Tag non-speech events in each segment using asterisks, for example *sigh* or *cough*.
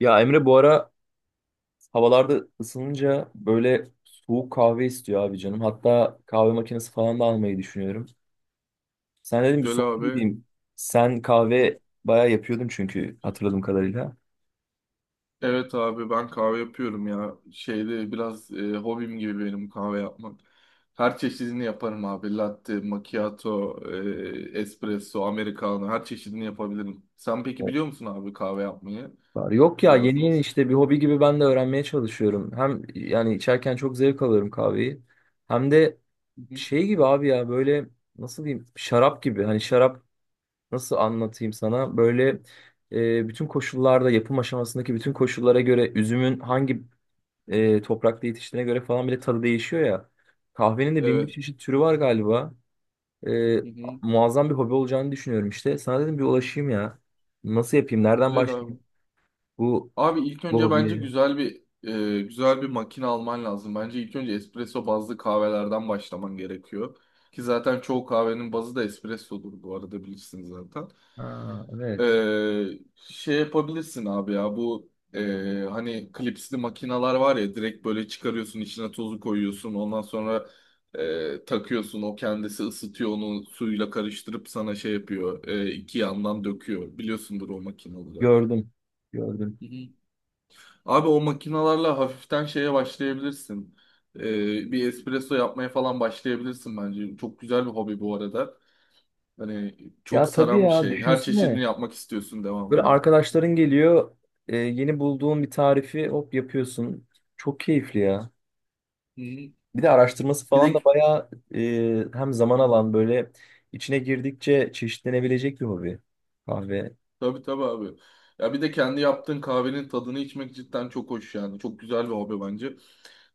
Ya Emre bu ara havalarda ısınınca böyle soğuk kahve istiyor abi canım. Hatta kahve makinesi falan da almayı düşünüyorum. Sen dedim bir Güzel sohbet abi. Hı edeyim. Sen hı. kahve bayağı yapıyordun çünkü hatırladığım kadarıyla. Evet abi ben kahve yapıyorum ya. Şeyde biraz hobim gibi benim kahve yapmak. Her çeşidini yaparım abi. Latte, macchiato, espresso, americano her çeşidini yapabilirim. Sen peki Evet. biliyor musun abi kahve yapmayı? Var. Yok ya, Biraz yeni da yeni olsun. işte bir hobi gibi ben de öğrenmeye çalışıyorum. Hem yani içerken çok zevk alıyorum kahveyi. Hem de Hı hı. şey gibi abi ya, böyle nasıl diyeyim, şarap gibi. Hani şarap nasıl anlatayım sana? Böyle bütün koşullarda, yapım aşamasındaki bütün koşullara göre üzümün hangi toprakta yetiştiğine göre falan bile tadı değişiyor ya. Kahvenin de bin bir Evet. çeşit türü var galiba. E, Hı hı. Muazzam bir hobi olacağını düşünüyorum işte. Sana dedim bir ulaşayım ya. Nasıl yapayım? Nereden Güzel abi. başlayayım bu Abi ilk bu önce bence hobiye? güzel bir makine alman lazım. Bence ilk önce espresso bazlı kahvelerden başlaman gerekiyor. Ki zaten çoğu kahvenin bazı da espressodur bu arada bilirsiniz zaten. Ha, evet. Ee, Şey yapabilirsin abi ya bu hani klipsli makineler var ya direkt böyle çıkarıyorsun içine tozu koyuyorsun ondan sonra takıyorsun o kendisi ısıtıyor onu suyla karıştırıp sana şey yapıyor iki yandan döküyor biliyorsundur o makinaları. Gördüm. Gördüm. Hı hı. Abi o makinalarla hafiften şeye başlayabilirsin. Bir espresso yapmaya falan başlayabilirsin bence. Çok güzel bir hobi bu arada. Hani çok Ya tabii saran bir ya, şey. Her çeşidini düşünsene. yapmak istiyorsun Böyle devamında. arkadaşların geliyor. Yeni bulduğun bir tarifi hop yapıyorsun. Çok keyifli ya. Hı. Bir de araştırması Bir falan de da bayağı hem zaman alan, böyle içine girdikçe çeşitlenebilecek bir hobi. Kahve. tabii tabii abi. Ya bir de kendi yaptığın kahvenin tadını içmek cidden çok hoş yani. Çok güzel bir hobi bence.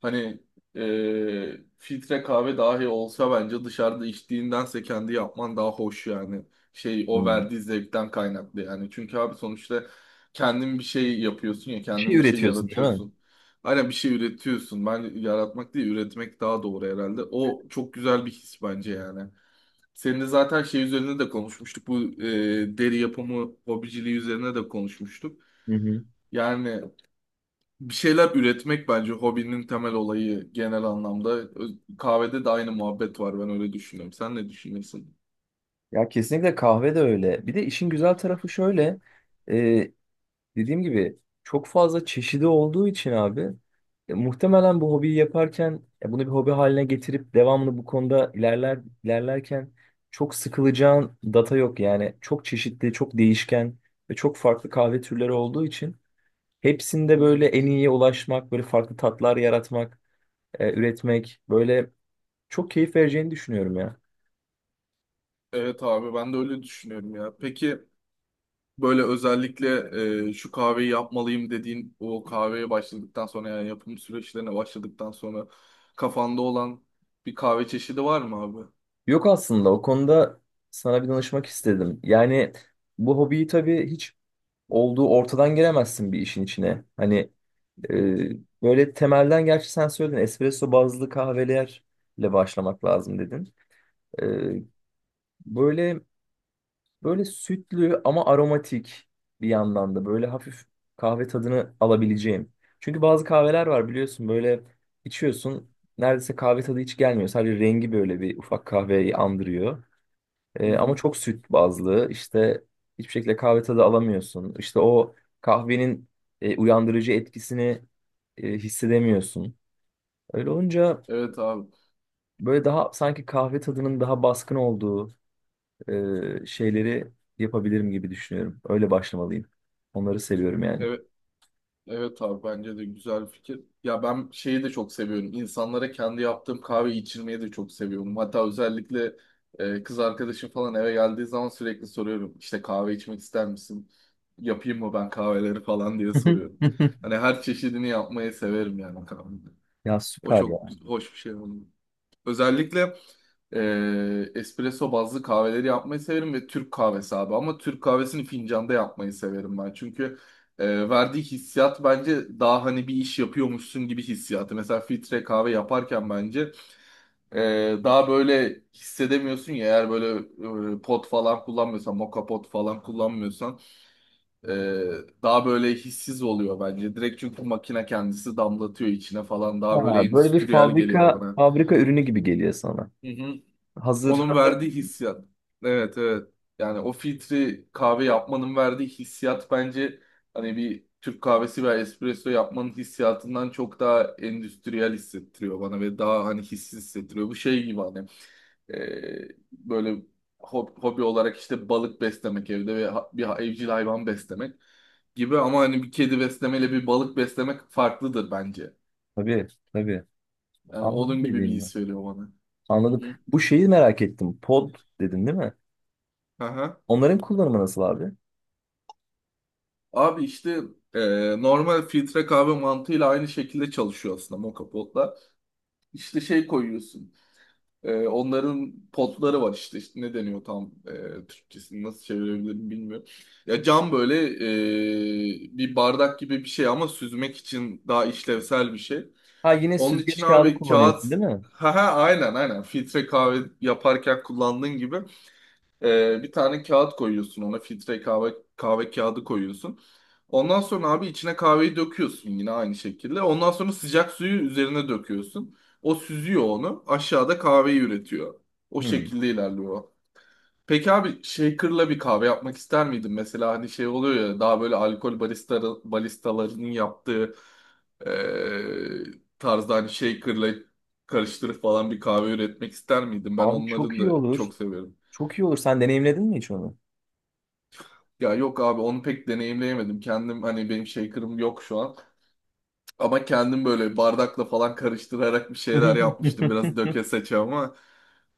Hani filtre kahve dahi olsa bence dışarıda içtiğindense kendi yapman daha hoş yani. Şey o Hmm. verdiği zevkten kaynaklı yani. Çünkü abi sonuçta kendin bir şey yapıyorsun ya Bir şey kendin bir şey üretiyorsun, değil mi? yaratıyorsun. Aynen bir şey üretiyorsun. Ben yaratmak değil üretmek daha doğru herhalde. O çok güzel bir his bence yani. Seninle zaten şey üzerine de konuşmuştuk. Bu deri yapımı hobiciliği üzerine de konuşmuştuk. Hı hı. Yani bir şeyler üretmek bence hobinin temel olayı genel anlamda. Kahvede de aynı muhabbet var ben öyle düşünüyorum. Sen ne düşünüyorsun? Ya kesinlikle, kahve de öyle. Bir de işin güzel tarafı şöyle. e, Dediğim gibi çok fazla çeşidi olduğu için abi, muhtemelen bu hobiyi yaparken bunu bir hobi haline getirip devamlı bu konuda ilerler ilerlerken çok sıkılacağın data yok. Yani çok çeşitli, çok değişken ve çok farklı kahve türleri olduğu için hepsinde Hı. böyle en iyiye ulaşmak, böyle farklı tatlar yaratmak, üretmek böyle çok keyif vereceğini düşünüyorum ya. Evet abi ben de öyle düşünüyorum ya. Peki böyle özellikle şu kahveyi yapmalıyım dediğin o kahveye başladıktan sonra yani yapım süreçlerine başladıktan sonra kafanda olan bir kahve çeşidi var mı abi? Yok aslında, o konuda sana bir danışmak istedim. Yani bu hobiyi tabii hiç olduğu ortadan giremezsin bir işin içine. Hani, e, Hı hı. böyle temelden, gerçi sen söyledin espresso bazlı kahvelerle başlamak lazım dedin. E, Böyle böyle sütlü ama aromatik, bir yandan da böyle hafif kahve tadını alabileceğim. Çünkü bazı kahveler var biliyorsun, böyle içiyorsun neredeyse kahve tadı hiç gelmiyor. Sadece rengi böyle bir ufak kahveyi andırıyor. Hı Ama hı. çok süt bazlı işte, hiçbir şekilde kahve tadı alamıyorsun. İşte o kahvenin uyandırıcı etkisini Hı. hissedemiyorsun. Öyle olunca Evet abi. böyle daha, sanki kahve tadının daha baskın olduğu şeyleri yapabilirim gibi düşünüyorum. Öyle başlamalıyım. Onları seviyorum yani. Evet, evet abi bence de güzel bir fikir. Ya ben şeyi de çok seviyorum. İnsanlara kendi yaptığım kahveyi içirmeyi de çok seviyorum. Hatta özellikle kız arkadaşım falan eve geldiği zaman sürekli soruyorum. İşte kahve içmek ister misin? Yapayım mı ben kahveleri falan diye soruyorum. *laughs* Hani her çeşidini yapmayı severim yani kahveyi. Ya O süper çok ya. hoş bir şey. Özellikle espresso bazlı kahveleri yapmayı severim ve Türk kahvesi abi. Ama Türk kahvesini fincanda yapmayı severim ben. Çünkü verdiği hissiyat bence daha hani bir iş yapıyormuşsun gibi hissiyatı. Mesela filtre kahve yaparken bence e, daha böyle hissedemiyorsun ya. Eğer böyle pot falan kullanmıyorsan, moka pot falan kullanmıyorsan e, daha böyle hissiz oluyor bence. Direkt çünkü makine kendisi damlatıyor içine falan. Daha böyle Ha, böyle bir endüstriyel geliyor fabrika bana. fabrika ürünü gibi geliyor sana. Hı hı. Hazır Onun hazır. verdiği hissiyat. Evet evet. Yani o filtre kahve yapmanın verdiği hissiyat bence hani bir Türk kahvesi veya espresso yapmanın hissiyatından çok daha endüstriyel hissettiriyor bana ve daha hani hissiz hissettiriyor. Bu şey gibi hani böyle hobi olarak işte balık beslemek evde ve bir evcil hayvan beslemek gibi ama hani bir kedi beslemeyle bir balık beslemek farklıdır bence. Tabii tabii. Yani Anladım onun gibi bir dediğini. his veriyor bana. Hı Anladım. hı. Bu şeyi merak ettim. Pod dedin, değil mi? Aha. Onların kullanımı nasıl abi? Abi işte e, normal filtre kahve mantığıyla aynı şekilde çalışıyor aslında moka potla. İşte şey koyuyorsun. Onların potları var işte. İşte ne deniyor tam Türkçesini nasıl çevirebilirim bilmiyorum. Ya cam böyle bir bardak gibi bir şey ama süzmek için daha işlevsel bir şey. Ha, yine Onun için süzgeç kağıdı abi kağıt kullanıyorsun değil mi? *laughs* ha ha aynen aynen filtre kahve yaparken kullandığın gibi bir tane kağıt koyuyorsun ona filtre kahve kağıdı koyuyorsun. Ondan sonra abi içine kahveyi döküyorsun yine aynı şekilde. Ondan sonra sıcak suyu üzerine döküyorsun. O süzüyor onu. Aşağıda kahveyi üretiyor. O Hmm. şekilde ilerliyor. O. Peki abi shaker'la bir kahve yapmak ister miydin? Mesela hani şey oluyor ya daha böyle alkol baristalarının yaptığı eee tarzda hani shaker'la karıştırıp falan bir kahve üretmek ister miydin? Ben Abi çok onların iyi da olur. çok severim. Çok iyi olur. Sen deneyimledin mi hiç onu? Ya yok abi onu pek deneyimleyemedim. Kendim hani benim shaker'ım yok şu an. Ama kendim böyle bardakla falan karıştırarak bir şeyler yapmıştım. *laughs* Biraz döke seçe ama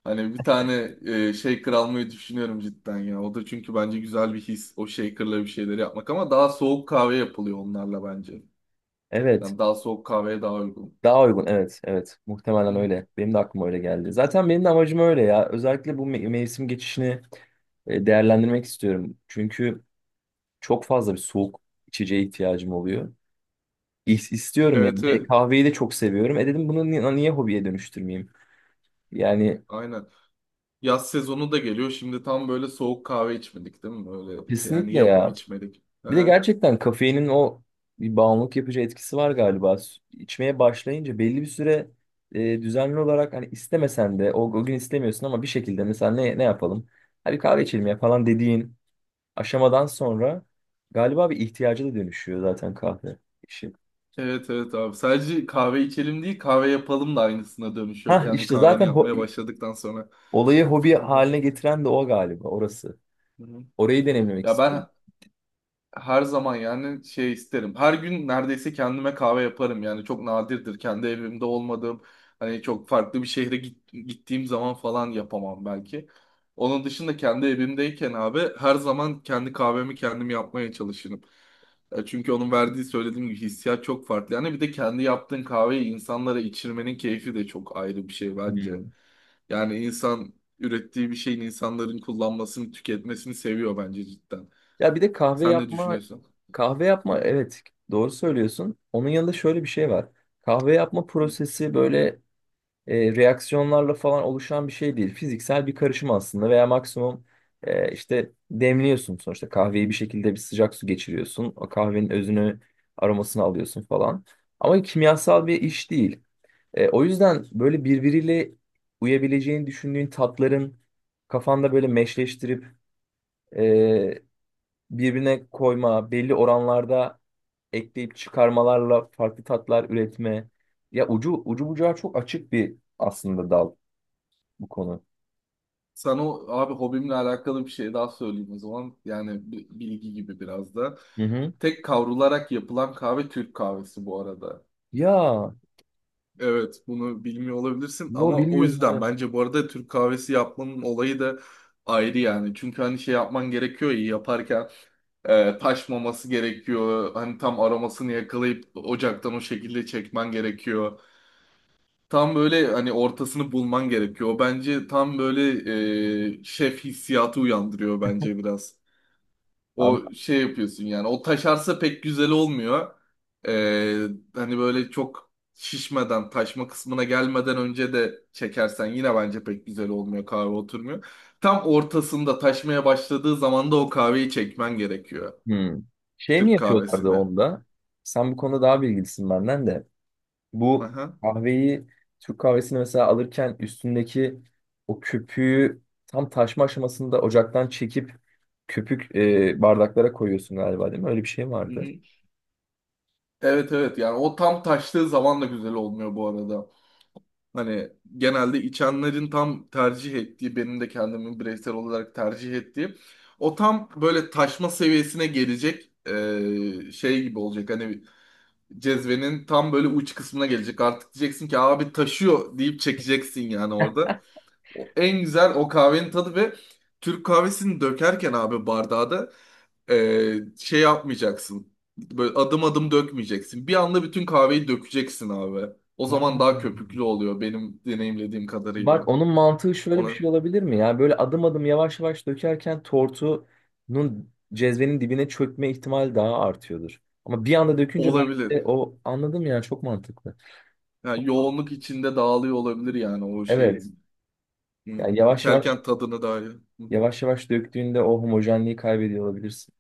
hani bir tane shaker almayı düşünüyorum cidden ya. O da çünkü bence güzel bir his o shaker'la bir şeyleri yapmak ama daha soğuk kahve yapılıyor onlarla bence. Evet. Yani daha soğuk kahveye daha uygun. Daha uygun, evet evet, Hı. muhtemelen öyle. Benim de aklıma öyle geldi. Zaten benim de amacım öyle ya. Özellikle bu mevsim geçişini değerlendirmek istiyorum. Çünkü çok fazla bir soğuk içeceğe ihtiyacım oluyor. İstiyorum yani. Evet, E, evet. kahveyi de çok seviyorum. E dedim, bunu niye hobiye dönüştürmeyeyim? Yani Aynen. Yaz sezonu da geliyor. Şimdi tam böyle soğuk kahve içmedik değil mi? Öyle şey, yani kesinlikle yapıp ya. içmedik. *laughs* Bir de gerçekten kafeinin o bir bağımlılık yapıcı etkisi var galiba. İçmeye başlayınca belli bir süre düzenli olarak, hani istemesen de o gün istemiyorsun, ama bir şekilde mesela ne ne yapalım? Hadi kahve içelim ya falan dediğin aşamadan sonra galiba bir ihtiyaca da dönüşüyor zaten kahve işi. Evet evet abi. Sadece kahve içelim değil kahve yapalım da aynısına dönüşüyor. Ha Kendi işte kahveni zaten yapmaya başladıktan sonra. olayı hobi Hı hı. haline getiren de o galiba, orası. Hı hı. Orayı deneyimlemek Ya ben istiyorum. her zaman yani şey isterim. Her gün neredeyse kendime kahve yaparım yani çok nadirdir kendi evimde olmadığım hani çok farklı bir şehre gittiğim zaman falan yapamam belki. Onun dışında kendi evimdeyken abi her zaman kendi kahvemi kendim yapmaya çalışırım. Çünkü onun verdiği söylediğim gibi hissiyat çok farklı. Yani bir de kendi yaptığın kahveyi insanlara içirmenin keyfi de çok ayrı bir şey bence. Yani insan ürettiği bir şeyin insanların kullanmasını, tüketmesini seviyor bence cidden. Ya bir de kahve Sen ne yapma, düşünüyorsun? kahve yapma Hı evet doğru söylüyorsun. Onun yanında şöyle bir şey var. Kahve yapma hı. prosesi böyle reaksiyonlarla falan oluşan bir şey değil. Fiziksel bir karışım aslında, veya maksimum işte demliyorsun sonuçta. Kahveyi bir şekilde bir sıcak su geçiriyorsun. O kahvenin özünü, aromasını alıyorsun falan. Ama kimyasal bir iş değil. E, o yüzden böyle birbiriyle uyabileceğini düşündüğün tatların kafanda böyle meşleştirip e, birbirine koyma, belli oranlarda ekleyip çıkarmalarla farklı tatlar üretme. Ya ucu ucu bucağı çok açık bir aslında dal bu konu. Sana abi hobimle alakalı bir şey daha söyleyeyim o zaman. Yani bilgi gibi biraz da. Hı hı. Tek kavrularak yapılan kahve Türk kahvesi bu arada. Ya Evet bunu bilmiyor olabilirsin yo, ama o bilmiyordum yüzden evet. bence bu arada Türk kahvesi yapmanın olayı da ayrı yani. Çünkü hani şey yapman gerekiyor ya yaparken taşmaması gerekiyor. Hani tam aromasını yakalayıp ocaktan o şekilde çekmen gerekiyor. Tam böyle hani ortasını bulman gerekiyor. O bence tam böyle şef hissiyatı uyandırıyor bence biraz. Abi O şey yapıyorsun yani. O taşarsa pek güzel olmuyor. E, hani böyle çok şişmeden, taşma kısmına gelmeden önce de çekersen yine bence pek güzel olmuyor. Kahve oturmuyor. Tam ortasında taşmaya başladığı zaman da o kahveyi çekmen gerekiyor. hı. Şey mi Türk yapıyorlardı kahvesine. onda? Sen bu konuda daha bilgilisin benden de. Bu Aha. kahveyi, Türk kahvesini mesela alırken üstündeki o köpüğü tam taşma aşamasında ocaktan çekip köpük bardaklara koyuyorsun galiba, değil mi? Öyle bir şey Hı vardı. hı. Evet evet yani o tam taştığı zaman da güzel olmuyor bu arada. Hani genelde içenlerin tam tercih ettiği, benim de kendimin bireysel olarak tercih ettiğim o tam böyle taşma seviyesine gelecek şey gibi olacak. Hani cezvenin tam böyle uç kısmına gelecek. Artık diyeceksin ki abi taşıyor deyip çekeceksin yani orada. O en güzel o kahvenin tadı ve Türk kahvesini dökerken abi bardağa da şey yapmayacaksın. Böyle adım adım dökmeyeceksin. Bir anda bütün kahveyi dökeceksin abi. O Ya. zaman daha köpüklü oluyor benim deneyimlediğim Bak, kadarıyla. onun mantığı şöyle bir Ona şey olabilir mi? Yani böyle adım adım yavaş yavaş dökerken tortunun cezvenin dibine çökme ihtimali daha artıyordur. Ama bir anda dökünce belki olabilir. de o, anladım yani, çok mantıklı. Yani Çok mantıklı. yoğunluk içinde dağılıyor olabilir yani o Evet. şeyin. Hı. Yani yavaş yavaş, İçerken tadını dahi. Hı. Hı. yavaş yavaş döktüğünde o homojenliği kaybediyor olabilirsin.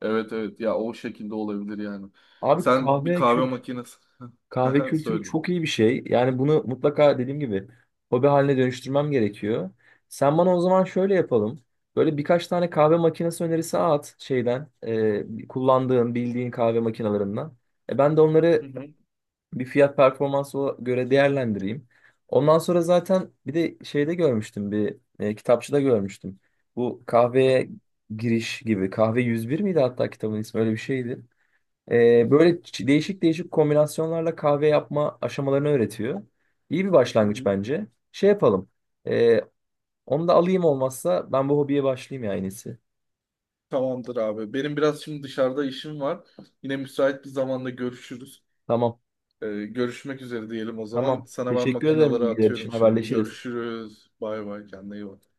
Evet evet ya o şekilde olabilir yani. Abi Sen bir kahve makinesi. *laughs* kahve Aha, kültürü söyle. çok iyi bir şey. Yani bunu mutlaka dediğim gibi hobi haline dönüştürmem gerekiyor. Sen bana o zaman şöyle yapalım. Böyle birkaç tane kahve makinesi önerisi at şeyden, kullandığın, bildiğin kahve makinalarından. E, ben de Hı onları hı. bir fiyat performansı göre değerlendireyim. Ondan sonra zaten bir de şeyde görmüştüm, bir kitapçıda görmüştüm. Bu kahveye giriş gibi, kahve 101 miydi, hatta kitabın ismi öyle bir şeydi. Hı E, hı. böyle değişik değişik kombinasyonlarla kahve yapma aşamalarını öğretiyor. İyi bir Hı başlangıç hı. bence. Şey yapalım. E, onu da alayım olmazsa, ben bu hobiye başlayayım ya en iyisi. Tamamdır abi. Benim biraz şimdi dışarıda işim var. Yine müsait bir zamanda görüşürüz. Tamam Görüşmek üzere diyelim o zaman. tamam. Sana ben Teşekkür ederim makinaları bilgiler için, atıyorum şimdi. haberleşiriz. Görüşürüz. Bay bay. Kendine iyi bak.